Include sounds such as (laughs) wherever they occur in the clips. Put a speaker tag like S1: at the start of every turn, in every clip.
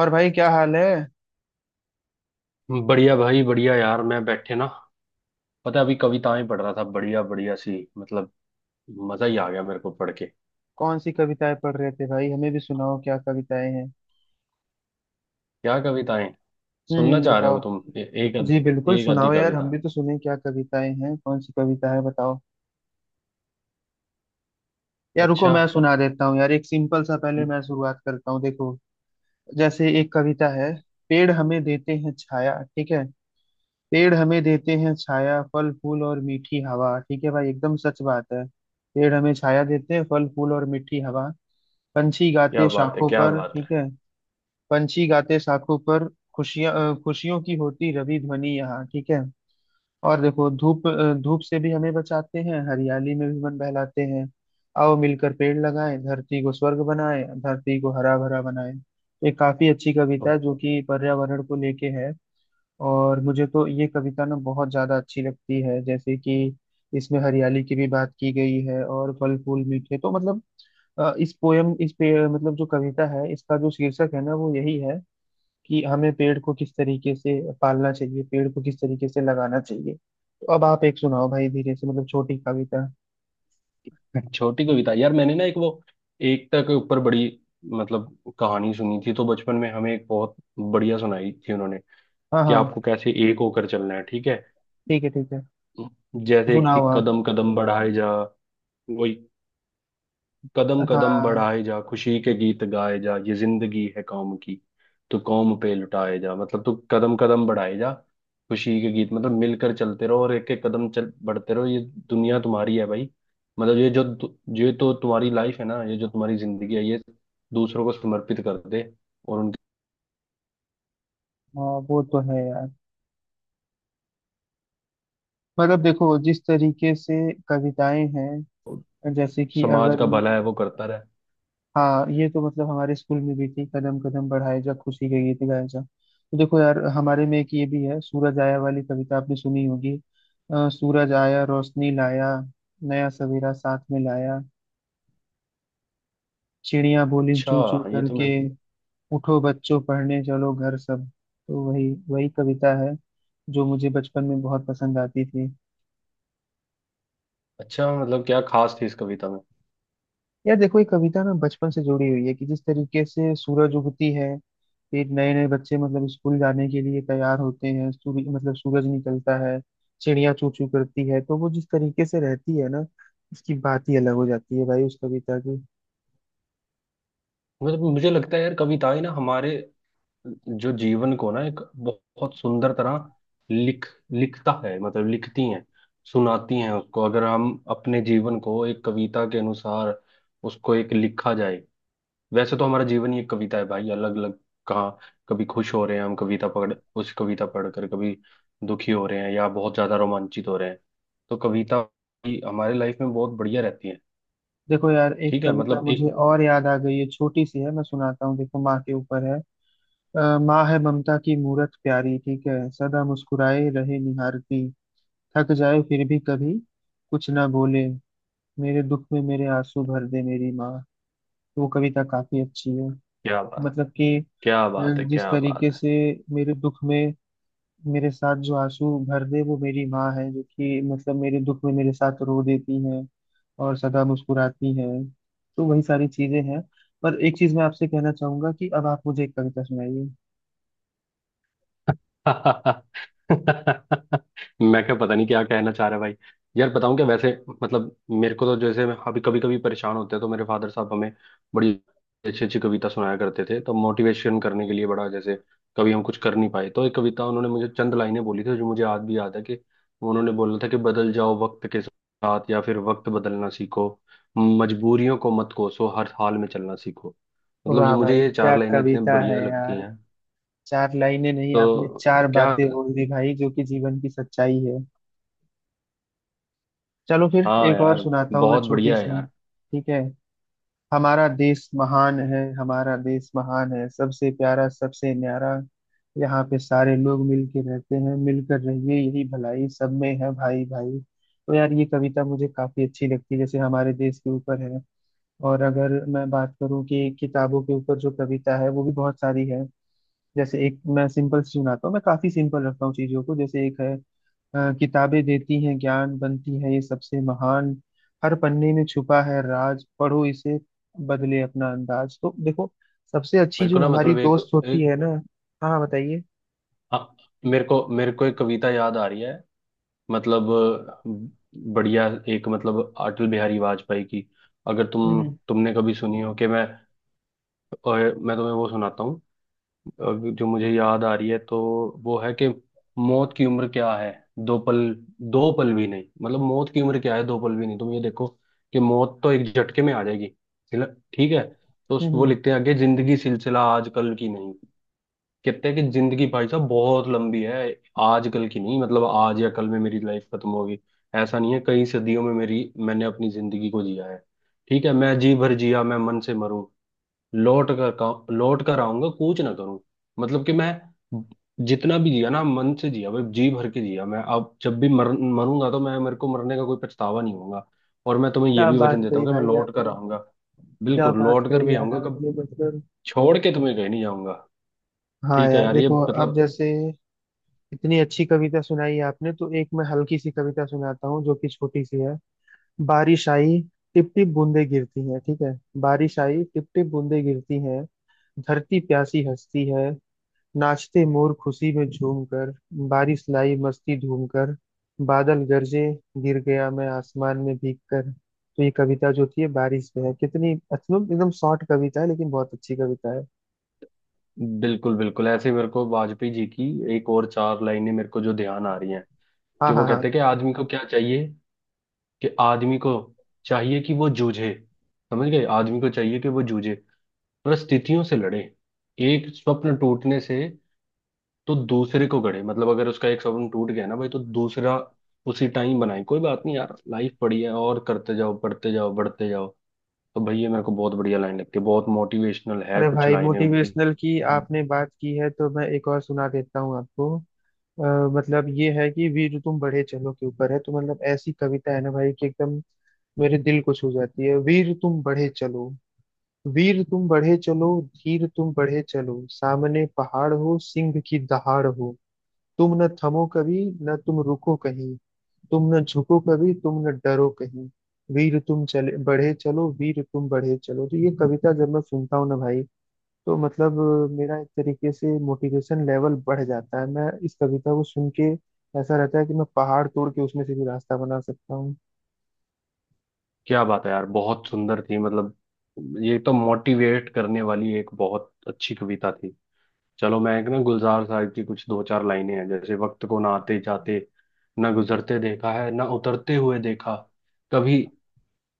S1: और भाई क्या हाल है।
S2: बढ़िया भाई, बढ़िया यार। मैं बैठे ना, पता है, अभी कविताएं पढ़ रहा था। बढ़िया बढ़िया सी, मतलब मजा ही आ गया मेरे को पढ़ के।
S1: कौन सी कविताएं पढ़ रहे थे भाई, हमें भी सुनाओ, क्या कविताएं हैं।
S2: क्या कविताएं सुनना चाह रहे हो तुम?
S1: बताओ। जी बिल्कुल
S2: एक आधी
S1: सुनाओ यार,
S2: कविता।
S1: हम भी तो सुने, क्या कविताएं हैं, कौन सी कविता है बताओ। यार रुको,
S2: अच्छा!
S1: मैं सुना देता हूँ यार, एक सिंपल सा पहले मैं शुरुआत करता हूँ, देखो। जैसे एक कविता है। पेड़ हमें देते हैं छाया, ठीक है। पेड़ हमें देते हैं छाया, फल फूल और मीठी हवा, ठीक है भाई, एकदम सच बात है। पेड़ हमें छाया देते हैं, फल फूल और मीठी हवा। पंछी
S2: क्या
S1: गाते
S2: बात है,
S1: शाखों
S2: क्या
S1: पर,
S2: बात है!
S1: ठीक है। पंछी गाते शाखों पर, खुशियां, खुशियों की होती रवि ध्वनि यहाँ, ठीक है। और देखो, धूप धूप से भी हमें बचाते हैं, हरियाली में भी मन बहलाते हैं। आओ मिलकर पेड़ लगाएं, धरती को स्वर्ग बनाएं, धरती को हरा भरा बनाएं। ये काफी अच्छी कविता है जो कि पर्यावरण को लेके है। और मुझे तो ये कविता ना बहुत ज्यादा अच्छी लगती है, जैसे कि इसमें हरियाली की भी बात की गई है, और फल फूल मीठे, तो मतलब इस पोयम, इस पे मतलब जो कविता है, इसका जो शीर्षक है ना वो यही है कि हमें पेड़ को किस तरीके से पालना चाहिए, पेड़ को किस तरीके से लगाना चाहिए। तो अब आप एक सुनाओ भाई, धीरे से मतलब छोटी कविता।
S2: (laughs) छोटी कविता यार। मैंने ना एक वो एकता के ऊपर बड़ी, मतलब कहानी सुनी थी तो, बचपन में हमें एक बहुत बढ़िया सुनाई थी उन्होंने।
S1: हाँ
S2: कि
S1: हाँ।
S2: आपको कैसे एक होकर चलना है। ठीक है।
S1: ठीक है ठीक है। तो
S2: जैसे एक थी,
S1: सुनाओ आप।
S2: कदम कदम बढ़ाए जा। कदम कदम
S1: हाँ,
S2: बढ़ाए जा, खुशी के गीत गाए जा, ये जिंदगी है कौम की तो कौम पे लुटाए जा। मतलब तू कदम कदम बढ़ाए जा, खुशी के गीत। मतलब मिलकर चलते रहो और एक एक कदम चल बढ़ते रहो, ये दुनिया तुम्हारी है भाई। मतलब ये जो जो ये तो तुम्हारी लाइफ है ना, ये जो तुम्हारी जिंदगी है, ये दूसरों को समर्पित कर दे और उनके
S1: हाँ वो तो है यार। मतलब देखो, जिस तरीके से कविताएं हैं, जैसे कि
S2: समाज
S1: अगर
S2: का
S1: मैं।
S2: भला है वो करता रहे।
S1: हाँ, ये तो मतलब हमारे स्कूल में भी थी, कदम कदम बढ़ाए जा, खुशी के गीत गाए जा। तो देखो यार, हमारे में एक ये भी है, सूरज आया वाली कविता आपने सुनी होगी। सूरज आया रोशनी लाया, नया सवेरा साथ में लाया, चिड़िया बोली
S2: अच्छा,
S1: चू चू
S2: ये तो मैं।
S1: करके, उठो बच्चों पढ़ने चलो घर सब। तो वही वही कविता है जो मुझे बचपन में बहुत पसंद आती थी।
S2: अच्छा, मतलब क्या खास थी इस कविता में?
S1: यार देखो, ये कविता ना बचपन से जुड़ी हुई है कि जिस तरीके से सूरज उगती है, फिर नए नए बच्चे मतलब स्कूल जाने के लिए तैयार होते हैं, सूर्य मतलब सूरज निकलता है, चिड़िया चू चू करती है, तो वो जिस तरीके से रहती है ना, उसकी बात ही अलग हो जाती है भाई, उस कविता की।
S2: मतलब मुझे लगता है यार कविताएं ना, हमारे जो जीवन को ना, एक बहुत सुंदर तरह लिख लिखता है, मतलब लिखती हैं, सुनाती हैं उसको। अगर हम अपने जीवन को एक कविता के अनुसार उसको एक लिखा जाए। वैसे तो हमारा जीवन ही एक कविता है भाई, अलग अलग। कहाँ कभी खुश हो रहे हैं हम कविता पढ़, उस कविता पढ़कर, कभी दुखी हो रहे हैं या बहुत ज्यादा रोमांचित हो रहे हैं। तो कविता भी हमारी लाइफ में बहुत बढ़िया रहती है।
S1: देखो यार, एक
S2: ठीक है।
S1: कविता
S2: मतलब एक।
S1: मुझे और याद आ गई है, छोटी सी है मैं सुनाता हूँ, देखो माँ के ऊपर है। माँ है ममता की मूरत प्यारी, ठीक है, सदा मुस्कुराए रहे निहारती, थक जाए फिर भी कभी कुछ ना बोले, मेरे दुख में मेरे आंसू भर दे मेरी माँ। वो कविता काफी अच्छी है।
S2: क्या बात,
S1: मतलब कि
S2: क्या
S1: अ,
S2: बात है,
S1: जिस
S2: क्या
S1: तरीके
S2: बात है!
S1: से मेरे दुख में मेरे साथ जो आंसू भर दे वो मेरी माँ है, जो कि मतलब मेरे दुख में मेरे साथ रो देती है और सदा मुस्कुराती है, तो वही सारी चीजें हैं। पर एक चीज मैं आपसे कहना चाहूंगा कि अब आप मुझे एक कविता सुनाइए।
S2: (laughs) मैं, क्या पता नहीं क्या कहना चाह रहा है भाई। यार, बताऊं क्या वैसे। मतलब मेरे को तो जैसे, मैं अभी कभी कभी परेशान होते हैं तो मेरे फादर साहब हमें बड़ी अच्छी अच्छी कविता सुनाया करते थे, तो मोटिवेशन करने के लिए, बड़ा जैसे। कभी हम कुछ कर नहीं पाए तो एक कविता उन्होंने, मुझे चंद लाइनें बोली थी जो मुझे आज भी याद है, कि उन्होंने बोला था कि बदल जाओ वक्त के साथ या फिर वक्त बदलना सीखो। मजबूरियों को मत कोसो, हर हाल में चलना सीखो। मतलब ये,
S1: वाह
S2: मुझे
S1: भाई,
S2: ये चार
S1: क्या
S2: लाइनें इतनी
S1: कविता है
S2: बढ़िया लगती
S1: यार।
S2: हैं।
S1: चार लाइनें नहीं, आपने
S2: तो
S1: चार
S2: क्या?
S1: बातें बोल दी भाई, जो कि जीवन की सच्चाई है। चलो फिर
S2: हाँ
S1: एक और
S2: यार,
S1: सुनाता हूँ मैं,
S2: बहुत
S1: छोटी
S2: बढ़िया है
S1: सी,
S2: यार।
S1: ठीक है। हमारा देश महान है, हमारा देश महान है, सबसे प्यारा सबसे न्यारा, यहाँ पे सारे लोग मिलके रहते हैं, मिलकर रहिए यही भलाई, सब में है भाई भाई। तो यार ये कविता मुझे काफी अच्छी लगती है, जैसे हमारे देश के ऊपर है। और अगर मैं बात करूँ कि किताबों के ऊपर जो कविता है वो भी बहुत सारी है। जैसे एक मैं सिंपल सी सुनाता हूँ, मैं काफी सिंपल रखता हूँ चीजों को, जैसे एक है। किताबें देती हैं ज्ञान, बनती है ये सबसे महान, हर पन्ने में छुपा है राज, पढ़ो इसे बदले अपना अंदाज। तो देखो, सबसे अच्छी
S2: मेरे को
S1: जो
S2: ना,
S1: हमारी
S2: मतलब एक,
S1: दोस्त होती
S2: एक
S1: है ना। हाँ बताइए।
S2: हाँ, मेरे को एक कविता याद आ रही है। मतलब बढ़िया। एक, मतलब अटल बिहारी वाजपेयी की। अगर तुम
S1: हम्म
S2: तुमने कभी सुनी हो कि मैं। मैं तुम्हें वो सुनाता हूँ, अ, जो मुझे याद आ रही है तो। वो है कि मौत की उम्र क्या है? दो पल, दो पल भी नहीं। मतलब मौत की उम्र क्या है? दो पल भी नहीं। तुम ये देखो कि मौत तो एक झटके में आ जाएगी। ठीक है। तो
S1: हम्म,
S2: वो लिखते हैं आगे, जिंदगी सिलसिला आजकल की नहीं। कहते हैं कि जिंदगी भाई साहब बहुत लंबी है, आजकल की नहीं। मतलब आज या कल में मेरी लाइफ खत्म होगी, ऐसा नहीं है। कई सदियों में मेरी, मैंने अपनी जिंदगी को जिया है। ठीक है। मैं जी भर जिया, मैं मन से मरूं, लौट कर आऊंगा, कूच ना करूं। मतलब कि मैं जितना भी जिया ना, मन से जिया भाई, जी भर के जिया। मैं अब जब भी मरूंगा तो मैं, मेरे को मरने का कोई पछतावा नहीं होगा। और मैं तुम्हें ये
S1: क्या
S2: भी
S1: बात
S2: वचन देता
S1: कही
S2: हूँ कि मैं
S1: भाई
S2: लौट कर
S1: आपने।
S2: आऊंगा।
S1: क्या
S2: बिल्कुल
S1: बात
S2: लौट कर
S1: कही
S2: भी
S1: यार
S2: आऊंगा। कब
S1: आपने, मतलब।
S2: छोड़ के तुम्हें कहीं नहीं जाऊंगा।
S1: हाँ
S2: ठीक है
S1: यार
S2: यार। ये
S1: देखो, अब
S2: मतलब।
S1: जैसे इतनी अच्छी कविता सुनाई आपने, तो एक मैं हल्की सी कविता सुनाता हूँ जो कि छोटी सी है। बारिश आई, टिप टिप बूंदे गिरती हैं, ठीक है। बारिश आई टिप टिप बूंदे गिरती हैं, धरती प्यासी हंसती है, नाचते मोर खुशी में झूम कर, बारिश लाई मस्ती धूम कर, बादल गरजे, गिर गया मैं आसमान में भीग कर। तो ये कविता जो थी ये बारिश पे है, कितनी मतलब एकदम शॉर्ट कविता है, लेकिन बहुत अच्छी कविता है।
S2: बिल्कुल बिल्कुल। ऐसे, मेरे को वाजपेयी जी की एक और चार लाइनें मेरे को जो ध्यान आ रही हैं
S1: हाँ
S2: कि, वो
S1: हाँ हाँ।
S2: कहते हैं कि आदमी को क्या चाहिए, कि आदमी को चाहिए कि वो जूझे। समझ गए? आदमी को चाहिए कि वो जूझे, परिस्थितियों से लड़े, एक स्वप्न टूटने से तो दूसरे को गढ़े। मतलब अगर उसका एक स्वप्न टूट गया ना भाई, तो दूसरा उसी टाइम बनाए। कोई बात नहीं यार, लाइफ बड़ी है और करते जाओ, बढ़ते जाओ, बढ़ते जाओ। तो भाई ये मेरे को बहुत बढ़िया लाइन लगती है, बहुत मोटिवेशनल है
S1: अरे
S2: कुछ
S1: भाई,
S2: लाइनें उनकी।
S1: मोटिवेशनल की आपने बात की है तो मैं एक और सुना देता हूँ आपको। अ, मतलब ये है कि वीर तो तुम बढ़े चलो के ऊपर है, तो मतलब ऐसी कविता है ना भाई, कि एकदम मेरे दिल को छू जाती है। वीर तुम बढ़े चलो, वीर तुम बढ़े चलो, धीर तुम बढ़े चलो, सामने पहाड़ हो सिंह की दहाड़ हो, तुम न थमो कभी न तुम रुको कहीं, तुम न झुको कभी तुम न डरो कहीं, वीर तुम चले बढ़े चलो, वीर तुम बढ़े चलो। तो ये कविता जब मैं सुनता हूँ ना भाई, तो मतलब मेरा एक तरीके से मोटिवेशन लेवल बढ़ जाता है। मैं इस कविता को सुन के ऐसा रहता है कि मैं पहाड़ तोड़ के उसमें से भी रास्ता बना सकता हूँ।
S2: क्या बात है यार, बहुत सुंदर थी मतलब। ये तो मोटिवेट करने वाली एक बहुत अच्छी कविता थी। चलो, मैं एक ना गुलजार साहब की कुछ दो चार लाइनें हैं। जैसे, वक्त को ना आते जाते, ना गुजरते देखा है, ना उतरते हुए देखा। कभी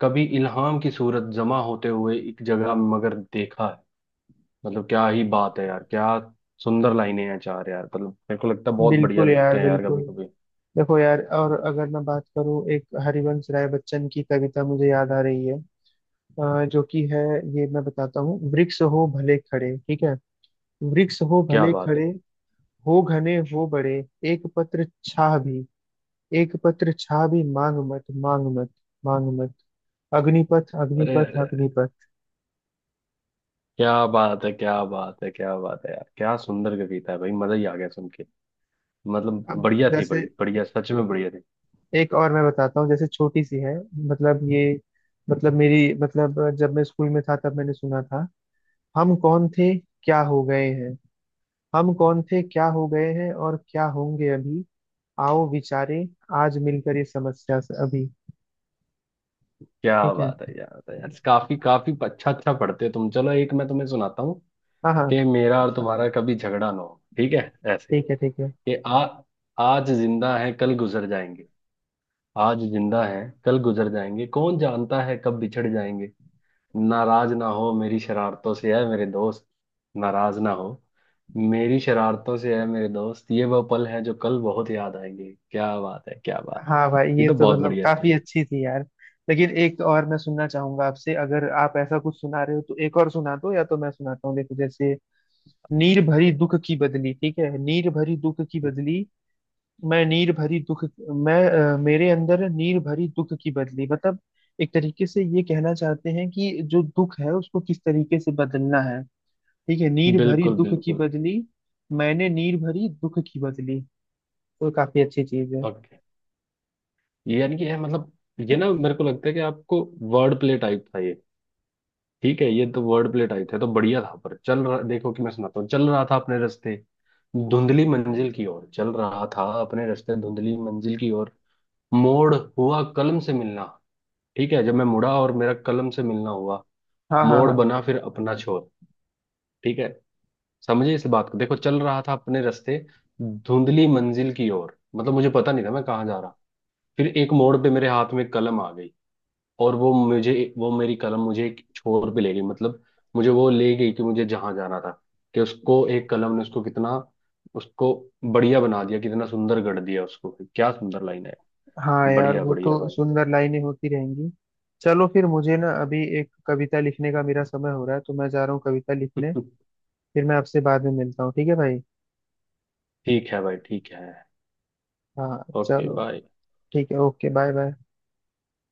S2: कभी इल्हाम की सूरत जमा होते हुए एक जगह मगर देखा है। मतलब क्या ही बात है यार, क्या सुंदर लाइनें हैं चार यार। मतलब मेरे को लगता है बहुत बढ़िया
S1: बिल्कुल
S2: लिखते
S1: यार,
S2: हैं यार कभी
S1: बिल्कुल।
S2: कभी।
S1: देखो यार, और अगर मैं बात करूँ, एक हरिवंश राय बच्चन की कविता मुझे याद आ रही है। जो कि है, ये मैं बताता हूँ। वृक्ष हो भले खड़े, ठीक है। वृक्ष हो
S2: क्या
S1: भले
S2: बात है!
S1: खड़े, हो घने हो बड़े, एक पत्र छाह भी, एक पत्र छाह भी मांग मत, मांग मत, मांग मत, अग्निपथ
S2: अरे
S1: अग्निपथ
S2: अरे,
S1: अग्निपथ।
S2: क्या बात है, क्या बात है, क्या बात है यार! क्या सुंदर कविता है भाई, मजा ही आ गया सुन के। मतलब
S1: अब
S2: बढ़िया थी,
S1: जैसे
S2: बड़ी बढ़िया, सच में बढ़िया थी।
S1: एक और मैं बताता हूँ, जैसे छोटी सी है। मतलब ये मतलब मेरी मतलब जब मैं स्कूल में था तब मैंने सुना था। हम कौन थे, क्या हो गए हैं, हम कौन थे क्या हो गए हैं और क्या होंगे अभी, आओ विचारे आज मिलकर ये समस्या से अभी।
S2: क्या
S1: ठीक है।
S2: बात है यार। तो यार, काफी काफी अच्छा अच्छा पढ़ते हो तुम। चलो एक मैं तुम्हें सुनाता हूँ।
S1: हाँ हाँ।
S2: कि मेरा और तुम्हारा कभी झगड़ा ना हो। ठीक है ऐसे,
S1: ठीक है ठीक है।
S2: कि आ आज जिंदा है कल गुजर जाएंगे। आज जिंदा है कल गुजर जाएंगे, कौन जानता है कब बिछड़ जाएंगे। नाराज ना हो मेरी शरारतों से है मेरे दोस्त, नाराज ना हो मेरी शरारतों से है मेरे दोस्त, ये वो पल हैं जो कल बहुत याद आएंगे। क्या बात है, क्या बात
S1: हाँ
S2: है!
S1: भाई,
S2: ये
S1: ये
S2: तो
S1: तो
S2: बहुत
S1: मतलब
S2: बढ़िया थी
S1: काफी
S2: यार।
S1: अच्छी थी यार। लेकिन एक और मैं सुनना चाहूंगा आपसे, अगर आप ऐसा कुछ सुना रहे हो तो एक और सुना दो, या तो मैं सुनाता हूँ, देखो जैसे। नीर भरी दुख की बदली, ठीक है। नीर भरी दुख की बदली, मैं नीर भरी दुख, मैं मेरे अंदर नीर भरी दुख की बदली, मतलब एक तरीके से ये कहना चाहते हैं कि जो दुख है उसको किस तरीके से बदलना है, ठीक है। नीर भरी
S2: बिल्कुल
S1: दुख की
S2: बिल्कुल।
S1: बदली, मैंने नीर भरी दुख की बदली, तो काफी अच्छी चीज है।
S2: ओके। ये यानी कि है मतलब, ये ना मेरे को लगता है कि आपको, वर्ड प्ले टाइप था ये। ठीक है, ये तो वर्ड प्ले टाइप था तो बढ़िया था। पर चल रहा, देखो, कि मैं सुनाता हूँ। चल रहा था अपने रास्ते, धुंधली मंजिल की ओर। चल रहा था अपने रास्ते, धुंधली मंजिल की ओर, मोड़ हुआ कलम से मिलना। ठीक है। जब मैं मुड़ा और मेरा कलम से मिलना हुआ,
S1: हाँ हाँ
S2: मोड़
S1: हाँ।
S2: बना फिर अपना छोर। ठीक है, समझे इस बात को? देखो, चल रहा था अपने रास्ते धुंधली मंजिल की ओर, मतलब मुझे पता नहीं था मैं कहाँ जा रहा। फिर एक मोड़ पे मेरे हाथ में कलम आ गई। और वो मुझे, वो मेरी कलम मुझे एक छोर पे ले गई। मतलब मुझे वो ले गई कि मुझे जहां जाना था। कि उसको एक कलम ने उसको कितना उसको बढ़िया बना दिया, कितना सुंदर गढ़ दिया उसको। क्या सुंदर लाइन है।
S1: हाँ यार,
S2: बढ़िया
S1: वो
S2: बढ़िया
S1: तो
S2: भाई।
S1: सुंदर लाइनें होती रहेंगी। चलो फिर, मुझे ना अभी एक कविता लिखने का मेरा समय हो रहा है, तो मैं जा रहा हूँ कविता लिखने।
S2: (laughs)
S1: फिर मैं आपसे बाद में मिलता हूँ, ठीक है भाई।
S2: ठीक है भाई, ठीक है।
S1: हाँ
S2: ओके
S1: चलो।
S2: बाय।
S1: ठीक है, ओके बाय बाय।